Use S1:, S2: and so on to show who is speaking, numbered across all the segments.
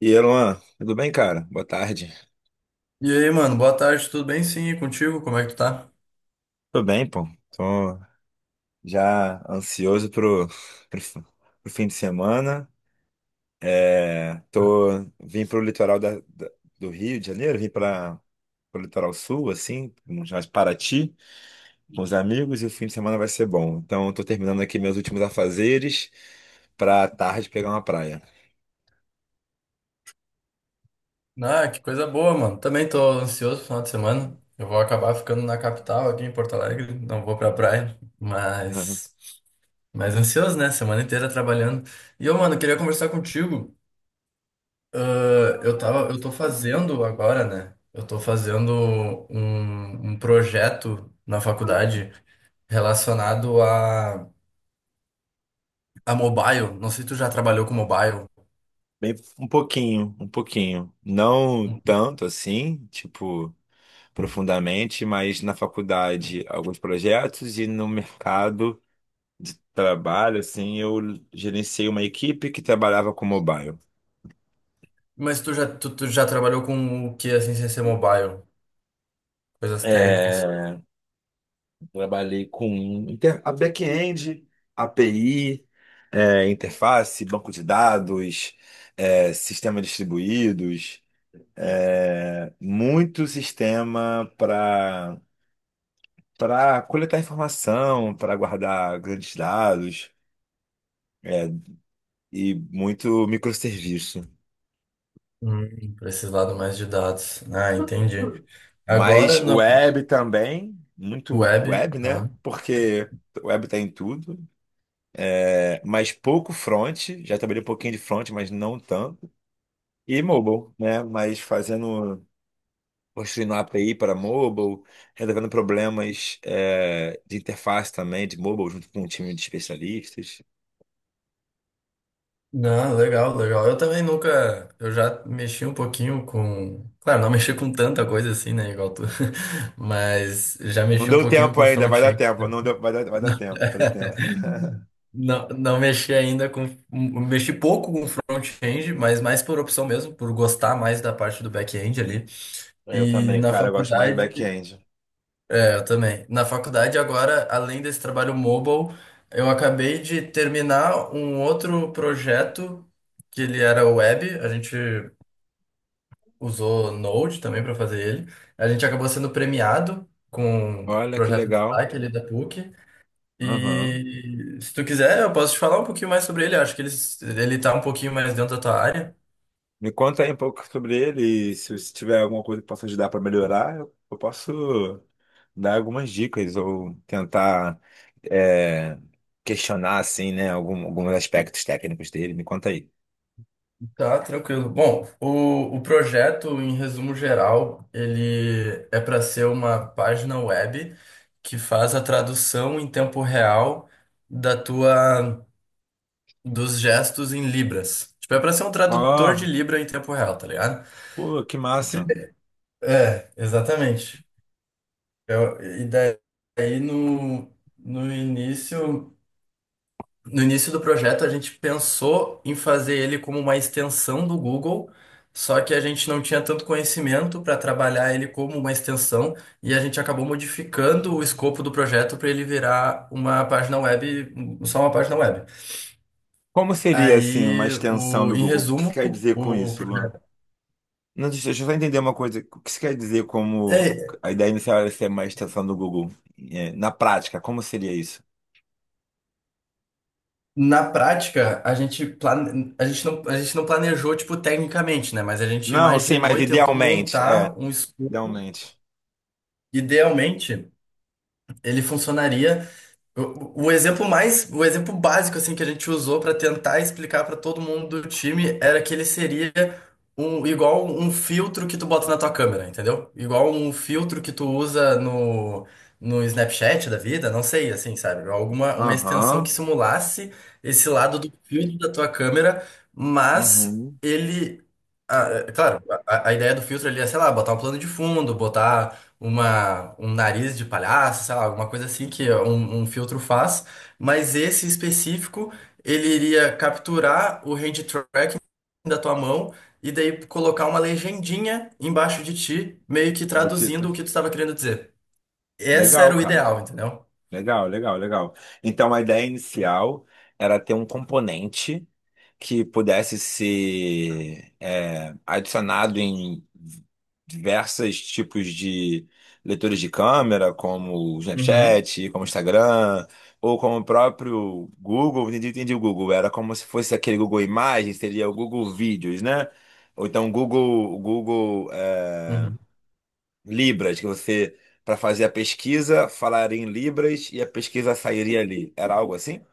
S1: E aí, Luan, tudo bem, cara? Boa tarde.
S2: E aí, mano, boa tarde, tudo bem? Sim, e contigo, como é que tu tá?
S1: Tô bem, pô. Tô já ansioso pro, fi- pro fim de semana. É, tô, vim pro litoral do Rio de Janeiro, vim para pro litoral sul, assim, mais Paraty, com os amigos, e o fim de semana vai ser bom. Então, eu tô terminando aqui meus últimos afazeres pra tarde pegar uma praia.
S2: Ah, que coisa boa, mano. Também tô ansioso pro final de semana. Eu vou acabar ficando na capital aqui em Porto Alegre, não vou pra praia,
S1: Uhum.
S2: mas ansioso, né? Semana inteira trabalhando. E eu, mano, queria conversar contigo. Ah, eu tô fazendo agora, né? Eu tô fazendo um projeto na faculdade relacionado a mobile. Não sei se tu já trabalhou com mobile.
S1: Bem, um pouquinho, um pouquinho. Não tanto assim, tipo. Profundamente, mas na faculdade alguns projetos e no mercado de trabalho, assim, eu gerenciei uma equipe que trabalhava com mobile.
S2: Mas tu já trabalhou com o que, assim, sem ser mobile? Coisas técnicas.
S1: É, trabalhei com a back-end, API, interface, banco de dados, sistema distribuídos, muito sistema para coletar informação, para guardar grandes dados e muito microserviço.
S2: Pra esse lado mais de dados. Ah, entendi. Agora
S1: Mas
S2: no
S1: web também, muito
S2: web.
S1: web, né?
S2: Ah.
S1: Porque web tá em tudo. É, mas pouco front, já trabalhei um pouquinho de front, mas não tanto. E mobile, né? Mas fazendo, construindo a API para mobile, resolvendo problemas de interface também de mobile, junto com um time de especialistas.
S2: Não, legal, legal. Eu também nunca. Eu já mexi um pouquinho com. Claro, não mexi com tanta coisa assim, né, igual tu. Mas já
S1: Não
S2: mexi um
S1: deu
S2: pouquinho
S1: tempo
S2: com
S1: ainda, vai dar
S2: front-end.
S1: tempo, não deu, vai dar, vai dar tempo.
S2: Não, não mexi ainda com. Mexi pouco com front-end, mas mais por opção mesmo, por gostar mais da parte do back-end ali.
S1: Eu
S2: E
S1: também,
S2: na
S1: cara, eu gosto mais do
S2: faculdade.
S1: back-end.
S2: É, eu também. Na faculdade, agora, além desse trabalho mobile, eu acabei de terminar um outro projeto que ele era web. A gente usou Node também para fazer ele. A gente acabou sendo premiado com o
S1: Olha que
S2: projeto de
S1: legal.
S2: destaque ali da PUC.
S1: Aham.
S2: E se tu quiser, eu posso te falar um pouquinho mais sobre ele. Acho que ele tá um pouquinho mais dentro da tua área.
S1: Me conta aí um pouco sobre ele e se você tiver alguma coisa que possa ajudar para melhorar, eu posso dar algumas dicas ou tentar é, questionar assim, né, alguns aspectos técnicos dele. Me conta aí.
S2: Tá, tranquilo. Bom, o projeto, em resumo geral, ele é para ser uma página web que faz a tradução em tempo real da tua dos gestos em Libras. Tipo, é para ser um tradutor de
S1: Ah,
S2: Libra em tempo real, tá ligado?
S1: pô, que massa.
S2: É, exatamente. E daí no início. No início do projeto, a gente pensou em fazer ele como uma extensão do Google, só que a gente não tinha tanto conhecimento para trabalhar ele como uma extensão e a gente acabou modificando o escopo do projeto para ele virar uma página web, só uma página web.
S1: Como seria assim uma
S2: Aí,
S1: extensão do
S2: em
S1: Google? O que você
S2: resumo,
S1: quer dizer com
S2: o
S1: isso, Luan?
S2: projeto.
S1: Não, deixa eu só entender uma coisa. O que você quer dizer como
S2: É,
S1: a ideia inicial era ser uma extensão do Google? É, na prática, como seria isso?
S2: Na prática, a gente não planejou, tipo, tecnicamente, né? Mas a gente
S1: Não, sim,
S2: imaginou
S1: mas
S2: e tentou
S1: idealmente, é,
S2: montar um escopo.
S1: idealmente.
S2: Idealmente, ele funcionaria. O exemplo básico assim que a gente usou para tentar explicar para todo mundo do time era que ele seria igual um filtro que tu bota na tua câmera, entendeu? Igual um filtro que tu usa no Snapchat da vida, não sei, assim, sabe? Alguma uma extensão que
S1: Aham,
S2: simulasse esse lado do filtro da tua câmera, mas
S1: uhum,
S2: é claro, a ideia do filtro ali é, sei lá, botar um plano de fundo, botar um nariz de palhaço, sei lá, alguma coisa assim que um filtro faz, mas esse específico, ele iria capturar o hand tracking da tua mão e daí colocar uma legendinha embaixo de ti, meio que
S1: do que
S2: traduzindo
S1: tá.
S2: o que tu estava querendo dizer. Essa
S1: Legal,
S2: era o
S1: cara.
S2: ideal, entendeu?
S1: Legal, legal, legal. Então a ideia inicial era ter um componente que pudesse ser adicionado em diversos tipos de leitores de câmera, como o
S2: Uhum,
S1: Snapchat, como o Instagram, ou como o próprio Google. Entendi, entendi o Google. Era como se fosse aquele Google Imagens, seria o Google Vídeos, né? Ou então Google.
S2: uhum.
S1: Libras, que você, para fazer a pesquisa, falaria em Libras e a pesquisa sairia ali. Era algo assim?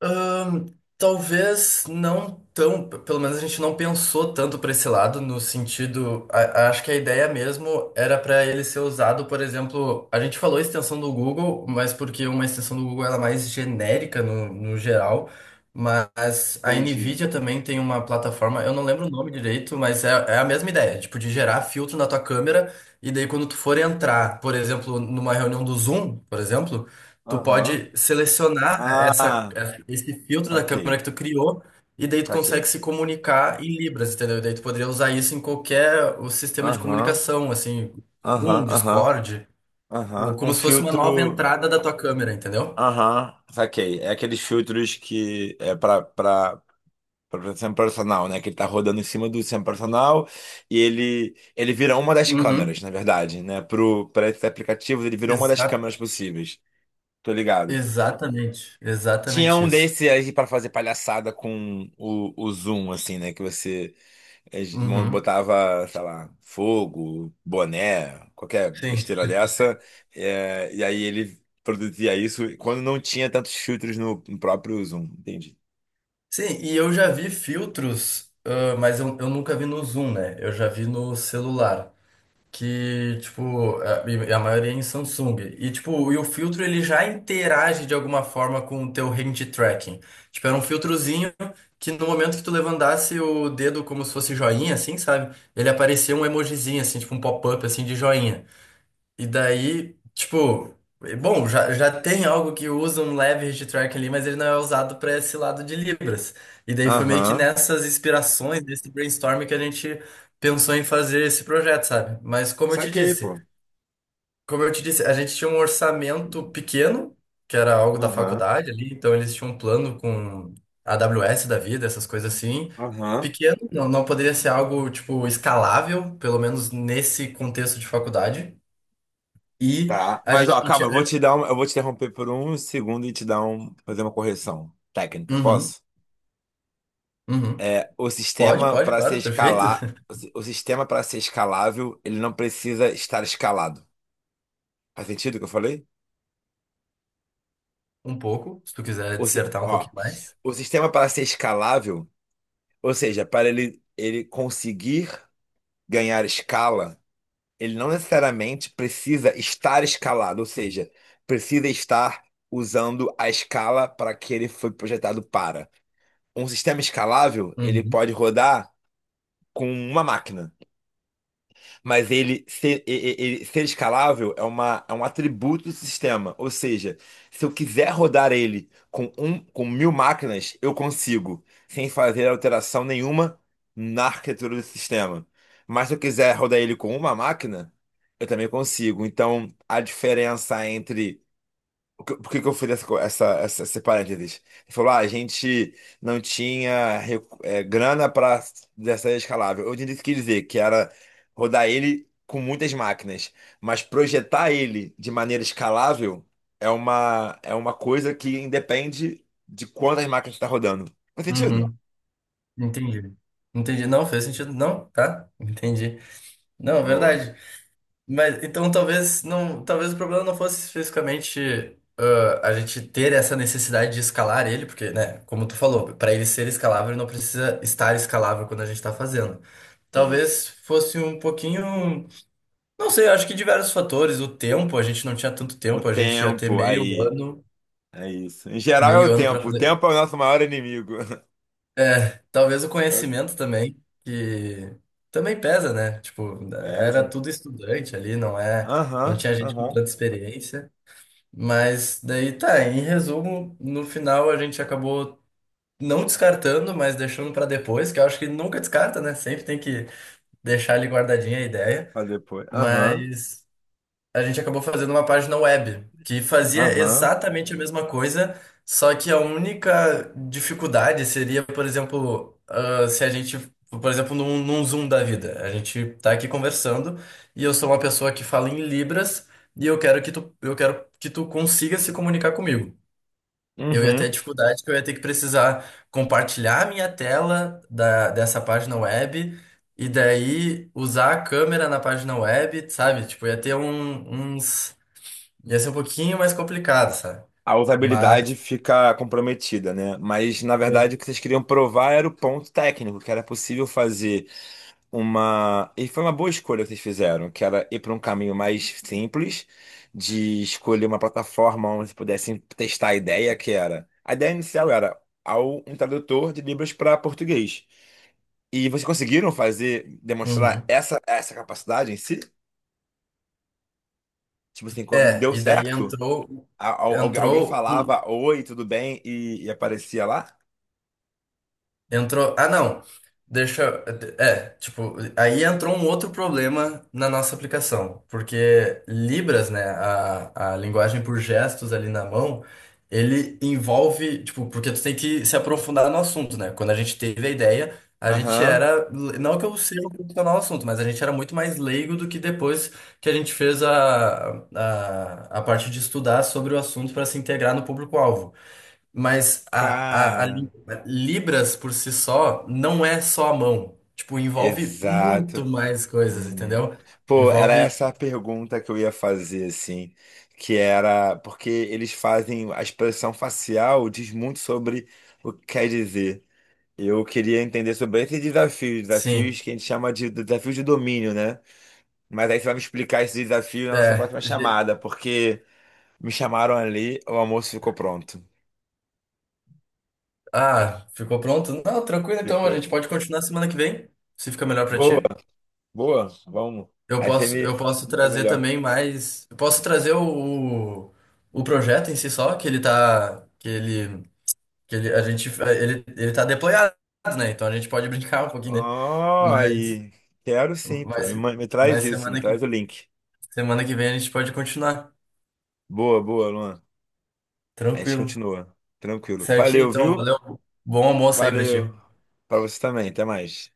S2: Ahn, talvez não tão, pelo menos a gente não pensou tanto para esse lado, no sentido, acho que a ideia mesmo era para ele ser usado, por exemplo, a gente falou extensão do Google, mas porque uma extensão do Google ela é mais genérica no geral, mas a
S1: Entendi.
S2: NVIDIA também tem uma plataforma, eu não lembro o nome direito, mas é a mesma ideia, tipo, de gerar filtro na tua câmera, e daí quando tu for entrar, por exemplo, numa reunião do Zoom, por exemplo, tu
S1: Aham.
S2: pode selecionar
S1: Ah,
S2: esse filtro da câmera
S1: saquei,
S2: que tu criou e daí tu
S1: saquei.
S2: consegue se comunicar em Libras, entendeu? E daí tu poderia usar isso em qualquer o sistema de
S1: Aham,
S2: comunicação, assim,
S1: aham,
S2: Zoom,
S1: aham,
S2: Discord,
S1: aham.
S2: ou
S1: Um
S2: como se fosse uma nova
S1: filtro.
S2: entrada da tua câmera, entendeu?
S1: Aham, saquei. É aqueles filtros que é para sempre personal, né? Que ele tá rodando em cima do sempre personal e ele vira uma das câmeras,
S2: Uhum.
S1: na verdade, né? Pro Para esses aplicativos, ele virou uma das
S2: Exa
S1: câmeras possíveis. Tô ligado.
S2: exatamente,
S1: Tinha
S2: exatamente
S1: um
S2: isso.
S1: desse aí pra fazer palhaçada com o Zoom, assim, né? Que você eh,
S2: Uhum.
S1: botava, sei lá, fogo, boné, qualquer
S2: Sim.
S1: besteira dessa. E aí ele produzia isso quando não tinha tantos filtros no próprio Zoom, entendi.
S2: Sim, e eu já vi filtros, mas eu nunca vi no Zoom, né? Eu já vi no celular e a maioria é em Samsung. E, tipo, o filtro ele já interage de alguma forma com o teu hand tracking. Tipo, era um filtrozinho que no momento que tu levantasse o dedo como se fosse joinha, assim, sabe? Ele aparecia um emojizinho, assim, tipo um pop-up, assim, de joinha. E daí, tipo, bom, já tem algo que usa um leve hittrack ali, mas ele não é usado para esse lado de Libras. E daí foi meio que
S1: Aham.
S2: nessas inspirações, nesse brainstorm que a gente pensou em fazer esse projeto, sabe? Mas
S1: Saquei, pô.
S2: como eu te disse, a gente tinha um orçamento pequeno, que era algo da
S1: Aham.
S2: faculdade ali, então eles tinham um plano com a AWS da vida, essas coisas assim.
S1: Aham.
S2: Pequeno, não, não poderia ser algo, tipo, escalável, pelo menos nesse contexto de faculdade. E
S1: Tá.
S2: a
S1: Mas,
S2: gente
S1: ó,
S2: não
S1: calma,
S2: tinha,
S1: eu vou
S2: né?
S1: te dar um, eu vou te interromper por um segundo e te dar um, fazer uma correção técnica,
S2: Uhum,
S1: posso?
S2: uhum.
S1: É,
S2: Pode, pode, claro, perfeito.
S1: o sistema para ser escalável, ele não precisa estar escalado. Faz sentido o que eu falei?
S2: Um pouco, se tu quiser dissertar um
S1: Ó,
S2: pouquinho mais.
S1: o sistema para ser escalável, ou seja, para ele conseguir ganhar escala, ele não necessariamente precisa estar escalado, ou seja, precisa estar usando a escala para que ele foi projetado para. Um sistema escalável, ele
S2: Uhum,
S1: pode rodar com uma máquina. Mas ele ser escalável é, é um atributo do sistema. Ou seja, se eu quiser rodar ele com mil máquinas, eu consigo, sem fazer alteração nenhuma na arquitetura do sistema. Mas se eu quiser rodar ele com uma máquina, eu também consigo. Então, a diferença entre que- Por que que eu fiz essa, co- essa, esse parênteses? Ele falou, ah, a gente não tinha recu- é, grana para dessa escalável. Eu entendi o que quer dizer, que era rodar ele com muitas máquinas, mas projetar ele de maneira escalável é é uma coisa que independe de quantas máquinas está rodando. Faz sentido?
S2: uhum. Entendi. Entendi. Não, fez sentido. Não, tá? Entendi. Não, é
S1: Boa.
S2: verdade. Mas então talvez não, talvez o problema não fosse especificamente, a gente ter essa necessidade de escalar ele, porque, né, como tu falou, para ele ser escalável, ele não precisa estar escalável quando a gente tá fazendo.
S1: Isso.
S2: Talvez fosse um pouquinho. Não sei, acho que diversos fatores. O tempo, a gente não tinha tanto
S1: O
S2: tempo, a gente ia ter
S1: tempo,
S2: meio
S1: aí.
S2: ano,
S1: É isso. Em geral é o
S2: para
S1: tempo. O
S2: fazer.
S1: tempo é o nosso maior inimigo.
S2: Talvez o
S1: É o tempo.
S2: conhecimento também, que também pesa, né? Tipo, era
S1: Pesa.
S2: tudo estudante ali, não é, não
S1: Aham,
S2: tinha gente com
S1: aham.
S2: tanta experiência. Mas daí tá, em resumo, no final a gente acabou não descartando, mas deixando para depois, que eu acho que nunca descarta, né? Sempre tem que deixar ali guardadinha a ideia.
S1: Pra depois. Aham,
S2: Mas a gente acabou fazendo uma página web que fazia
S1: aham,
S2: exatamente a mesma coisa, só que a única dificuldade seria, por exemplo, se a gente, por exemplo, num Zoom da vida, a gente tá aqui conversando e eu sou uma pessoa que fala em Libras e eu quero que tu consiga se comunicar comigo. Eu ia ter a
S1: uhum.
S2: dificuldade que eu ia ter que precisar compartilhar a minha tela dessa página web. E daí usar a câmera na página web, sabe? Tipo, ia ser um pouquinho mais complicado, sabe?
S1: A
S2: Mas.
S1: usabilidade fica comprometida, né? Mas, na
S2: eu-
S1: verdade, o que vocês queriam provar era o ponto técnico, que era possível fazer uma. E foi uma boa escolha que vocês fizeram, que era ir para um caminho mais simples, de escolher uma plataforma onde vocês pudessem testar a ideia, que era. A ideia inicial era um tradutor de Libras para português. E vocês conseguiram fazer, demonstrar
S2: Uhum.
S1: essa capacidade em si? Tipo assim, quando- deu
S2: É, e daí
S1: certo?
S2: entrou.
S1: Alguém
S2: Entrou. um
S1: falava oi, tudo bem? E aparecia lá?
S2: Ah, não. Deixa. É, tipo, aí entrou um outro problema na nossa aplicação, porque Libras, né, a linguagem por gestos ali na mão, ele envolve, tipo, porque tu tem que se aprofundar no assunto, né? Quando a gente teve a ideia, a gente
S1: Aham.
S2: era, não que eu seja um profissional no assunto, mas a gente era muito mais leigo do que depois que a gente fez a parte de estudar sobre o assunto para se integrar no público-alvo. Mas
S1: Cara,
S2: Libras por si só não é só a mão. Tipo, envolve muito
S1: exato.
S2: mais coisas,
S1: Hum.
S2: entendeu?
S1: Pô, era
S2: Envolve,
S1: essa a pergunta que eu ia fazer, assim, que era porque eles fazem a expressão facial diz muito sobre o que quer dizer. Eu queria entender sobre esses desafios, desafios
S2: sim.
S1: que a gente chama de desafios de domínio, né? Mas aí você vai me explicar esse desafio na nossa
S2: É.
S1: próxima chamada, porque me chamaram ali, o almoço ficou pronto.
S2: Ah, ficou pronto? Não, tranquilo então, a
S1: Ficou.
S2: gente pode continuar semana que vem, se fica melhor pra
S1: Boa.
S2: ti.
S1: Boa, vamos. Aí você me
S2: Eu posso
S1: explica
S2: trazer
S1: melhor.
S2: também mais. Eu posso trazer o projeto em si só, que ele tá. Que ele, a gente, ele tá deployado, né? Então a gente pode brincar um pouquinho, né?
S1: Ah, aí. Quero sim, pô.
S2: Mas,
S1: Me traz
S2: mas,
S1: isso, me traz o link.
S2: semana que vem a gente pode continuar.
S1: Boa, boa, Luan. Aí a gente
S2: Tranquilo.
S1: continua. Tranquilo.
S2: Certinho,
S1: Valeu,
S2: então.
S1: viu?
S2: Valeu. Bom almoço aí pra ti.
S1: Valeu. Pra você também. Até mais.